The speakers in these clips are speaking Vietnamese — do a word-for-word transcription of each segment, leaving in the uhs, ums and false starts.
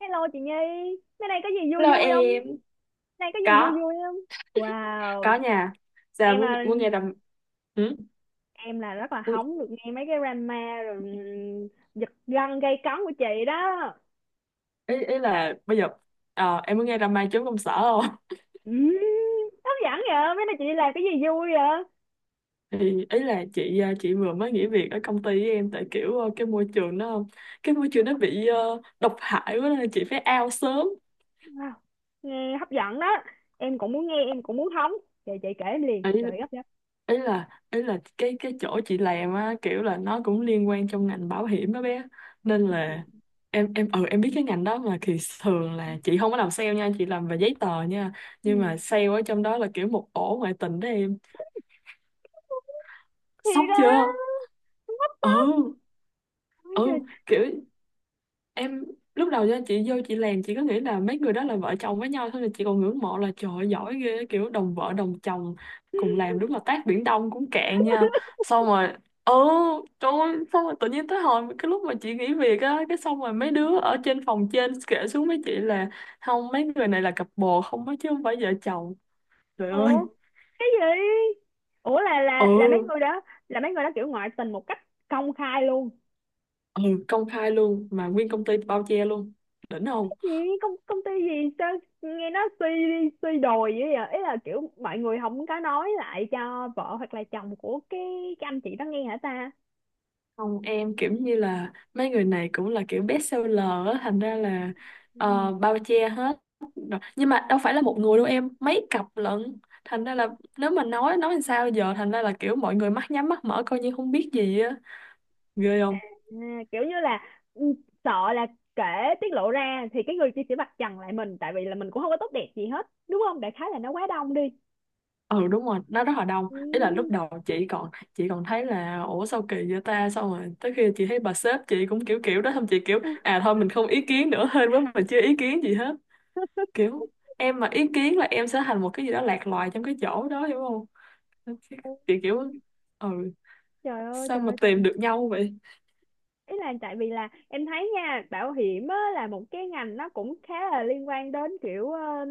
Hello chị Nhi, mấy này có gì vui Hello vui không? em. Này có gì vui có vui không? có Wow, nha. Giờ em muốn là, muốn nghe đam. Ừ? em là rất là muốn, hóng được nghe mấy cái drama rồi giật gân gây cấn của chị đó. ý ý là bây giờ, ờ, em muốn nghe đam mê chốn công sở không? Ừm, Hấp dẫn vậy, mấy này chị đi làm cái gì vui vậy? Thì ý là chị ờ, chị vừa mới nghỉ việc ở công ty với em, tại kiểu, ờ, cái môi trường nó cái môi trường nó bị, ờ, độc hại quá nên là chị phải out sớm. Wow, nghe hấp dẫn đó. Em cũng muốn nghe, em cũng muốn hóng. Chị chị kể em liền, ý trời gấp gấp. ý là ý là cái cái chỗ chị làm á, kiểu là nó cũng liên quan trong ngành bảo hiểm đó bé, nên Ừ. là em em ừ em biết cái ngành đó mà, thì thường là chị không có làm sale nha, chị làm về giấy tờ nha, nhưng Ừ. mà sale ở trong đó là kiểu một ổ ngoại tình đó em. Thì Sốc đó, chưa? không hấp Ừ, tấp. Ôi trời. ừ, kiểu em lúc đầu cho chị vô chị làm, chị cứ nghĩ là mấy người đó là vợ chồng với nhau thôi, là chị còn ngưỡng mộ là trời ơi, giỏi ghê, kiểu đồng vợ đồng chồng cùng làm, đúng là tát biển đông cũng cạn nha. Xong rồi, ừ, trời ơi, xong rồi tự nhiên tới hồi cái lúc mà chị nghỉ việc á, cái xong rồi mấy đứa ở trên phòng trên kể xuống với chị là không, mấy người này là cặp bồ không á, chứ không phải vợ chồng. Trời ơi. Ủa, cái gì? Ủa là là là mấy Ừ, người đó là mấy người đó kiểu ngoại tình một cách công khai luôn. ừ, công khai luôn mà nguyên công ty bao che luôn. Đỉnh không? Cái gì? Công công ty gì sao? Nghe nó suy suy đồi vậy vậy Ý là kiểu mọi người không có nói lại cho vợ hoặc là chồng của cái cái anh chị đó nghe hả ta? Không em, kiểu như là mấy người này cũng là kiểu best seller á, thành ra là, Ừ. ờ, bao che hết. Rồi. Nhưng mà đâu phải là một người đâu em, mấy cặp lận. Thành ra là nếu mà nói nói làm sao giờ, thành ra là kiểu mọi người mắt nhắm mắt mở coi như không biết gì á. Ghê không? À, kiểu như là, ừ, sợ là kể, tiết lộ ra thì cái người kia sẽ vạch trần lại mình, tại vì là mình cũng không có tốt đẹp gì hết đúng không, đại khái là nó quá đông đi. Ừ đúng rồi, nó rất là đông. Ừ. Ý là lúc đầu chị còn chị còn thấy là ủa sao kỳ vậy ta, xong rồi tới khi chị thấy bà sếp chị cũng kiểu kiểu đó, xong chị kiểu à thôi mình không ý kiến nữa hên quá mình chưa ý kiến gì hết. Kiểu em mà ý kiến là em sẽ thành một cái gì đó lạc loài trong cái chỗ đó, hiểu không? Chị kiểu, kiểu ừ Trời ơi, sao trời mà ơi, trời. tìm được nhau vậy? Ý là tại vì là em thấy nha, bảo hiểm á, là một cái ngành nó cũng khá là liên quan đến kiểu ờ,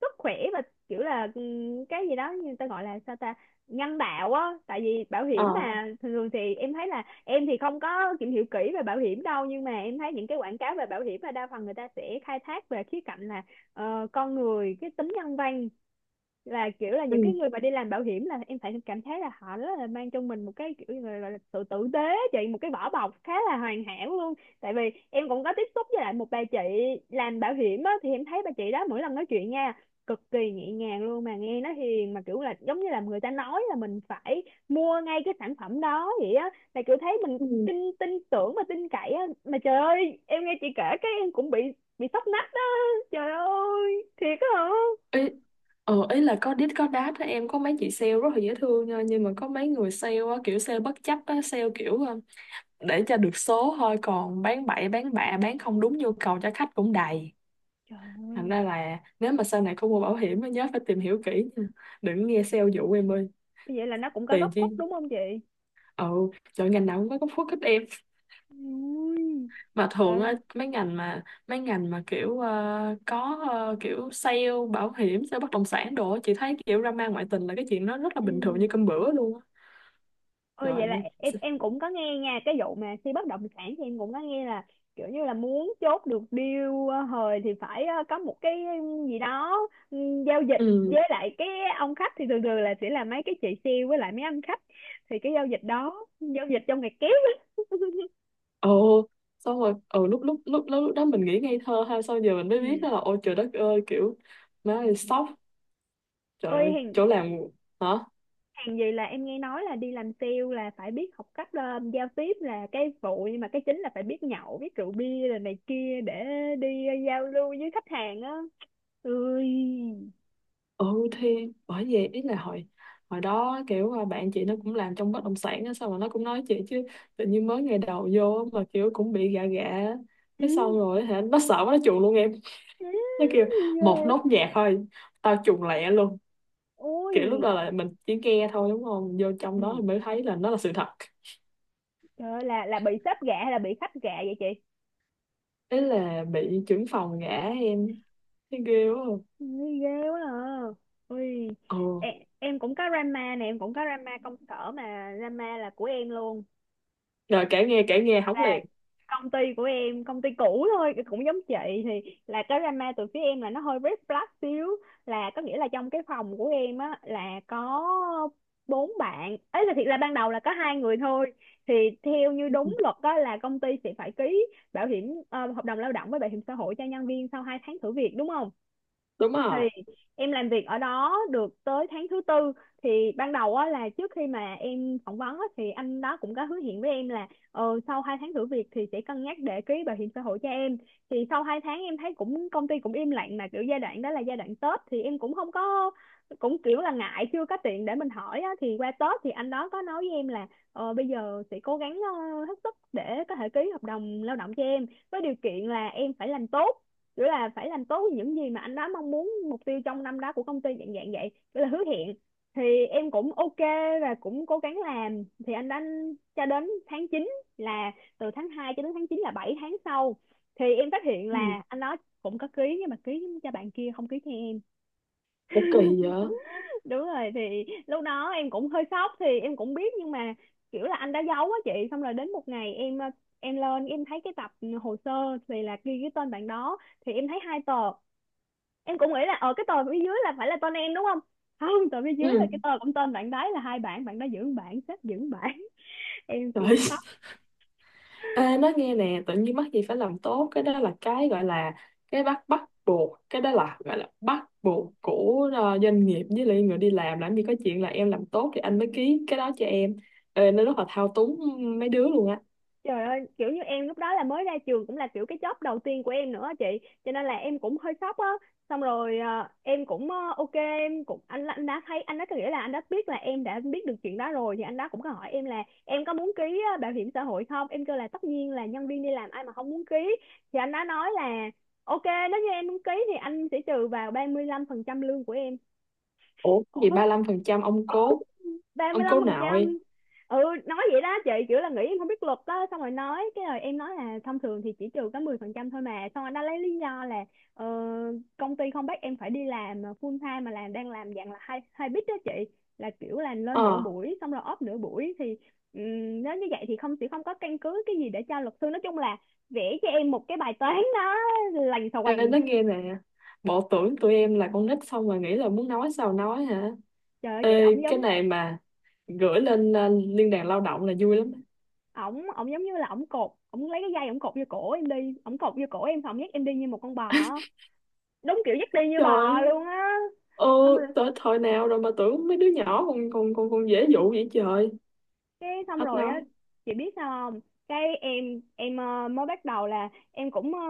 sức khỏe và kiểu là, ừm, cái gì đó người ta gọi là sao ta, nhân đạo á. Tại vì bảo ờ hiểm mà thường thường thì em thấy là, em thì không có tìm hiểu kỹ về bảo hiểm đâu nhưng mà em thấy những cái quảng cáo về bảo hiểm là đa phần người ta sẽ khai thác về khía cạnh là ờ, con người, cái tính nhân văn. Là kiểu là ừ. những cái người mà đi làm bảo hiểm là em phải cảm thấy là họ rất là mang trong mình một cái kiểu như là, là sự tử tế. Chị một cái vỏ bọc khá là hoàn hảo luôn, tại vì em cũng có tiếp xúc với lại một bà chị làm bảo hiểm á, thì em thấy bà chị đó mỗi lần nói chuyện nha, cực kỳ nhẹ nhàng luôn mà nghe nó hiền, mà kiểu là giống như là người ta nói là mình phải mua ngay cái sản phẩm đó vậy á, là kiểu thấy mình Ừ. tin tin tưởng và tin cậy á. Mà trời ơi, em nghe chị kể cái em cũng bị bị sốc nách đó, trời ơi, thiệt á hả? ý ờ ý là có đít có đát á em, có mấy chị sale rất là dễ thương nha, nhưng mà có mấy người sale á kiểu sale bất chấp á, sale kiểu, ờ, để cho được số thôi, còn bán bậy bán bạ bán không đúng nhu cầu cho khách cũng đầy. Trời Thành ơi, ra là nếu mà sau này có mua bảo hiểm á nhớ phải tìm hiểu kỹ nha, đừng nghe sale dụ em ơi. vậy là nó cũng có Tiền góc chi. khuất đúng không chị? Ừ trời, ngành nào cũng có góc khuất hết em. Ui. Mà thường á, Trời. mấy ngành mà mấy ngành mà kiểu, ờ, có, ờ, kiểu sale bảo hiểm, sale bất động sản đồ á, chị thấy kiểu drama ngoại tình là cái chuyện nó rất là Ừ. bình thường như cơm bữa luôn á. Ôi, vậy Trời là ơi. em em cũng có nghe nha cái vụ mà khi bất động sản, thì em cũng có nghe là kiểu như là muốn chốt được deal ờ, hời thì phải ờ, có một cái, ừ, gì đó, ừ, giao dịch Ừ. với lại cái ông khách, thì thường thường là sẽ là mấy cái chị sale với lại mấy anh khách, thì cái giao dịch đó, giao dịch trong ngày kép á. Ồ. Xong rồi, ừ, lúc lúc lúc lúc đó mình nghĩ ngây thơ ha, xong giờ mình Ừ. mới biết đó là ôi trời đất ơi, kiểu má ơi sốc, trời Ôi ơi hèn chỗ làm. Hả? hàng gì, là em nghe nói là đi làm sale là phải biết học cách ờ, giao tiếp là cái phụ, nhưng mà cái chính là phải biết nhậu biết rượu bia rồi này kia để đi giao lưu với khách hàng á. Ui. Ừ, thì bởi vậy ý là hồi hồi đó kiểu là bạn chị nó cũng làm trong bất động sản á, xong rồi nó cũng nói chị chứ tự nhiên mới ngày đầu vô mà kiểu cũng bị gạ gạ, Ừ. cái xong rồi hả, nó sợ quá nó chuồn luôn em. Ừ. Nó kêu một Ghê. nốt nhạc thôi tao chuồn lẹ luôn, kiểu lúc đó Ui. là mình chỉ nghe thôi đúng không, vô trong Ừ. đó thì mới thấy là nó là sự thật. Trời ơi, là là bị sếp gạ hay là bị khách gạ vậy chị? Ý là bị trưởng phòng gã em, thấy ghê quá. Ui ghê quá à. Ui. Ừ, Em, em cũng có drama nè, em cũng có drama công sở mà drama là của em luôn. rồi kể nghe kể nghe hóng Là liền. công ty của em, công ty cũ thôi, cũng giống chị. Thì là cái drama từ phía em là nó hơi red flag xíu, là có nghĩa là trong cái phòng của em á, là có bốn bạn ấy, là thiệt là ban đầu là có hai người thôi. Thì theo như Ừ, đúng luật đó là công ty sẽ phải ký bảo hiểm, ờ, hợp đồng lao động với bảo hiểm xã hội cho nhân viên sau hai tháng thử việc, đúng không? đúng Thì rồi. em làm việc ở đó được tới tháng thứ tư. Thì ban đầu á, là trước khi mà em phỏng vấn á, thì anh đó cũng có hứa hẹn với em là ờ, sau hai tháng thử việc thì sẽ cân nhắc để ký bảo hiểm xã hội cho em. Thì sau hai tháng em thấy cũng, công ty cũng im lặng, mà kiểu giai đoạn đó là giai đoạn Tết thì em cũng không có, cũng kiểu là ngại, chưa có tiền để mình hỏi á. Thì qua Tết thì anh đó có nói với em là, ờ, bây giờ sẽ cố gắng ờ, hết sức để có thể ký hợp đồng lao động cho em, với điều kiện là em phải làm tốt, kiểu là phải làm tốt những gì mà anh đó mong muốn, mục tiêu trong năm đó của công ty, dạng dạng vậy, kiểu là hứa hẹn. Thì em cũng ok và cũng cố gắng làm. Thì anh đã, cho đến tháng chín, là từ tháng hai cho đến tháng chín là bảy tháng sau, thì em phát hiện Ừ. là anh đó cũng có ký nhưng mà ký cho bạn kia, không ký cho em. Ủa kỳ vậy. Đúng rồi, thì lúc đó em cũng hơi sốc, thì em cũng biết nhưng mà kiểu là anh đã giấu á chị, xong rồi đến một ngày em em lên em thấy cái tập hồ sơ thì là ghi cái tên bạn đó. Thì em thấy hai tờ, em cũng nghĩ là ờ cái tờ phía dưới là phải là tên em, đúng không? Không, tờ phía dưới là Ừ. cái tờ cũng tên bạn đấy, là hai bạn bạn đó giữ, bạn sếp giữ bạn. Em kiểu Trời. bị. Ê, nói nghe nè, tự nhiên mắc gì phải làm tốt, cái đó là cái gọi là cái bắt bắt buộc, cái đó là gọi là bắt buộc của, ờ, doanh nghiệp với lại người đi làm làm gì có chuyện là em làm tốt thì anh mới ký cái đó cho em. Ê, nó rất là thao túng mấy đứa luôn á. Trời ơi, kiểu như em lúc đó là mới ra trường, cũng là kiểu cái job đầu tiên của em nữa á chị, cho nên là em cũng hơi sốc á. Xong rồi ờ, em cũng ờ, ok, em cũng anh anh đã thấy anh đã, có nghĩa là anh đã biết là em đã biết được chuyện đó rồi, thì anh đó cũng có hỏi em là em có muốn ký ờ, bảo hiểm xã hội không? Em kêu là tất nhiên là nhân viên đi làm ai mà không muốn ký. Thì anh đã nói là, ok, nếu như em muốn ký thì anh sẽ trừ vào ba mươi lăm phần trăm lương của em. Ủa cái gì Ủa? ba lăm phần trăm ông cố, ông cố nội. ba mươi lăm phần trăm. Ừ, nói vậy đó chị, kiểu là nghĩ em không biết luật đó, xong rồi nói cái rồi em nói là thông thường thì chỉ trừ có mười phần trăm thôi. Mà xong rồi nó lấy lý do là ờ, công ty không bắt em phải đi làm full time mà làm, đang làm dạng là hai hai bít đó chị, là kiểu là lên nửa ờ buổi xong rồi off nửa buổi. Thì ừm, nếu như vậy thì không, sẽ không có căn cứ cái gì để cho luật sư, nói chung là vẽ cho em một cái bài toán đó, lành xà Ê, quành. nói nghe nè, bộ tưởng tụi em là con nít xong rồi nghĩ là muốn nói sao nói hả? Trời ơi chị, Ê, ổng giống cái này mà gửi lên, ờ, liên đoàn lao động là vui lắm. ổng ổng giống như là ổng cột, ổng lấy cái dây ổng cột vô cổ em đi, ổng cột vô cổ em xong ổng dắt em đi như một con bò, đúng kiểu dắt đi như Trời ơi, bò luôn á. ờ, Xong rồi, tới thời nào rồi mà tưởng mấy đứa nhỏ còn còn còn còn dễ dụ vậy trời. cái xong Hết rồi á, nói. chị biết sao không, cái em em ờ, mới bắt đầu là em cũng ờ,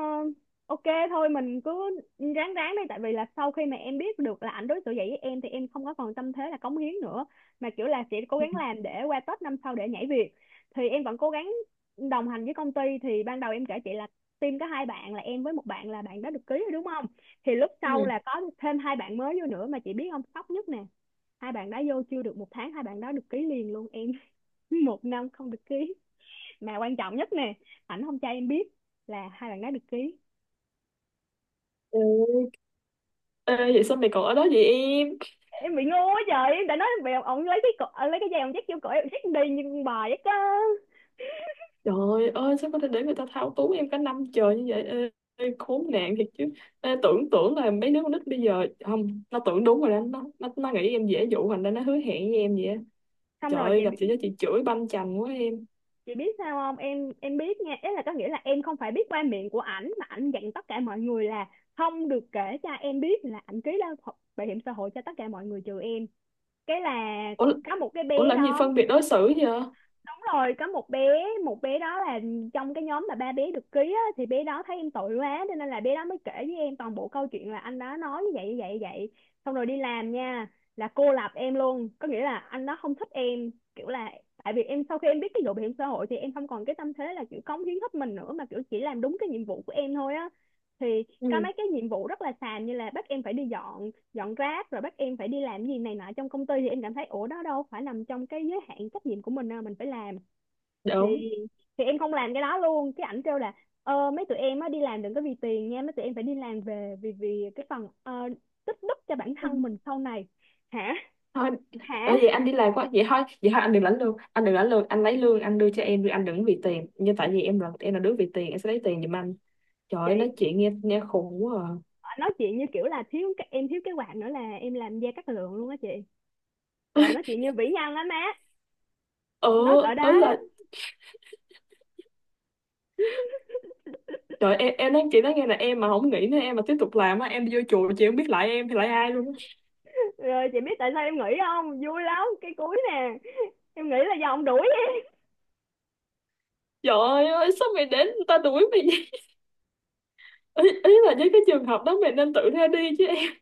ok, thôi mình cứ ráng ráng đi, tại vì là sau khi mà em biết được là ảnh đối xử vậy với em thì em không có còn tâm thế là cống hiến nữa, mà kiểu là sẽ cố Ừ. gắng làm để qua Tết năm sau để nhảy việc. Thì em vẫn cố gắng đồng hành với công ty. Thì ban đầu em kể chị là team có hai bạn, là em với một bạn, là bạn đã được ký rồi, đúng không? Thì lúc sau là Ừ. có thêm hai bạn mới vô nữa, mà chị biết không, sốc nhất nè, hai bạn đã vô chưa được một tháng, hai bạn đã được ký liền luôn em. Một năm không được ký, mà quan trọng nhất nè, ảnh không cho em biết là hai bạn đó được ký. Ừ. Ê, vậy sao mày còn ở đó vậy em? Em bị ngu quá trời, em đã nói bị ông lấy cái cổ, ờ, lấy cái dây ông dắt vô cổ em dắt đi như con bò vậy cơ. Trời ơi, sao có thể để người ta thao túng em cả năm trời như vậy? Ê, ê, khốn nạn thiệt chứ. Ê, tưởng tưởng là mấy đứa con nít bây giờ không, nó tưởng đúng rồi đó, nó nó, nó nghĩ em dễ dụ, thành ra nó hứa hẹn với em vậy. Á. Xong Trời rồi chị ơi, gặp chị đó chị chửi banh chành quá em. chị biết sao không, em em biết nha, ý là có nghĩa là em không phải biết qua miệng của ảnh, mà ảnh dặn tất cả mọi người là không được kể cho em biết là ảnh ký lao bảo hiểm xã hội cho tất cả mọi người trừ em. Cái là Ủa, có một cái ủa bé làm gì đó, phân biệt đối xử vậy? đúng rồi, có một bé, một bé đó là trong cái nhóm mà ba bé được ký á, thì bé đó thấy em tội quá cho nên là bé đó mới kể với em toàn bộ câu chuyện là anh đó nói như vậy, như vậy, như vậy. Xong rồi đi làm nha, là cô lập em luôn, có nghĩa là anh đó không thích em, kiểu là tại vì em sau khi em biết cái vụ bảo hiểm xã hội thì em không còn cái tâm thế là kiểu cống hiến hết mình nữa, mà kiểu chỉ làm đúng cái nhiệm vụ của em thôi á. Thì có Ừ. mấy cái nhiệm vụ rất là xàm, như là bắt em phải đi dọn dọn rác, rồi bắt em phải đi làm gì này nọ trong công ty, thì em cảm thấy ủa, đó đâu phải nằm trong cái giới hạn trách nhiệm của mình đâu mình phải làm. thì Đúng. thì em không làm cái đó luôn, cái ảnh kêu là ờ, mấy tụi em á đi làm đừng có vì tiền nha, mấy tụi em phải đi làm về vì, vì cái phần ờ, tích đức cho bản thân mình sau này. Hả? Thôi Hả ở vậy anh đi làm quá vậy, thôi vậy thôi, anh đừng lãnh lương, anh đừng lãnh lương, anh lấy lương anh đưa cho em đi, anh đừng vì tiền, nhưng tại vì em là em là đứa vì tiền, em sẽ lấy tiền giùm anh. Trời ơi, nói chị? chuyện nghe nghe khùng quá à. ờ, nói chuyện như kiểu là thiếu cái, em thiếu cái quạt nữa là em làm da cát lượng luôn á chị. Trời, nói chuyện như vĩ nhân á má, Ờ nói cỡ đó ớ đó. Là trời em em nói chị nói nghe là em mà không nghĩ nữa, em mà tiếp tục làm á em đi vô chùa, chị không biết lại em thì lại ai luôn á. Rồi chị biết tại sao em nghĩ không vui lắm cái cuối nè, em nghĩ là do ông đuổi em. Trời ơi sao mày đến người ta đuổi mày vậy? ý, ý là với cái trường hợp đó mày nên tự ra đi chứ em.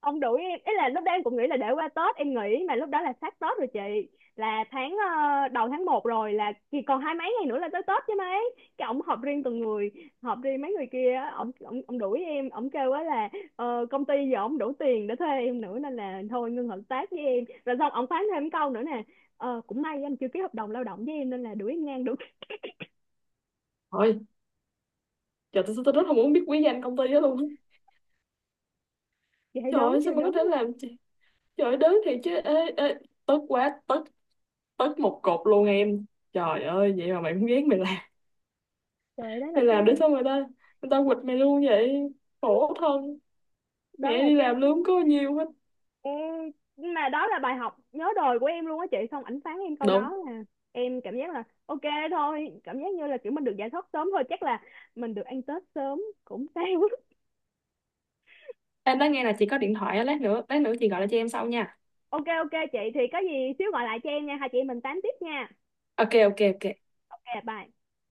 ông đuổi em Ý là lúc đó em cũng nghĩ là để qua Tết em nghỉ, mà lúc đó là sát Tết rồi chị, là tháng ờ, đầu tháng một rồi, là chỉ còn hai mấy ngày nữa là tới Tết chứ mấy. Cái ổng họp riêng từng người, họp riêng mấy người kia á, ổng ổng ổng đuổi em, ổng kêu á là ờ, công ty giờ ổng đủ tiền để thuê em nữa nên là thôi ngưng hợp tác với em rồi, xong ổng phán thêm câu nữa nè, ờ, cũng may anh chưa ký hợp đồng lao động với em nên là đuổi em ngang được. Thôi trời, tôi, tôi rất không muốn biết quý danh công ty đó luôn á. Chị thấy Trời đớn ơi, chưa, sao mà có đớn thể luôn làm chị. Trời ơi, đớn thiệt chứ. Ê, ê, tức quá tức tất một cột luôn em. Trời ơi vậy mà mày cũng ghét, mày làm trời. đó là mày làm để cái sao người ta người ta quỵt mày luôn vậy, khổ thân, đó mẹ là đi cái làm lương có nhiều hết Ừ, nhưng mà đó là bài học nhớ đời của em luôn á chị, xong ảnh phán em câu đúng. đó là em cảm giác là ok thôi, cảm giác như là kiểu mình được giải thoát sớm thôi, chắc là mình được ăn Tết sớm cũng sao. Em đã nghe là chị có điện thoại á, lát nữa lát nữa chị gọi lại cho em sau nha. Ok, ok chị thì có gì xíu gọi lại cho em nha, hai chị em mình tám tiếp nha. Ok ok ok Ok, bye.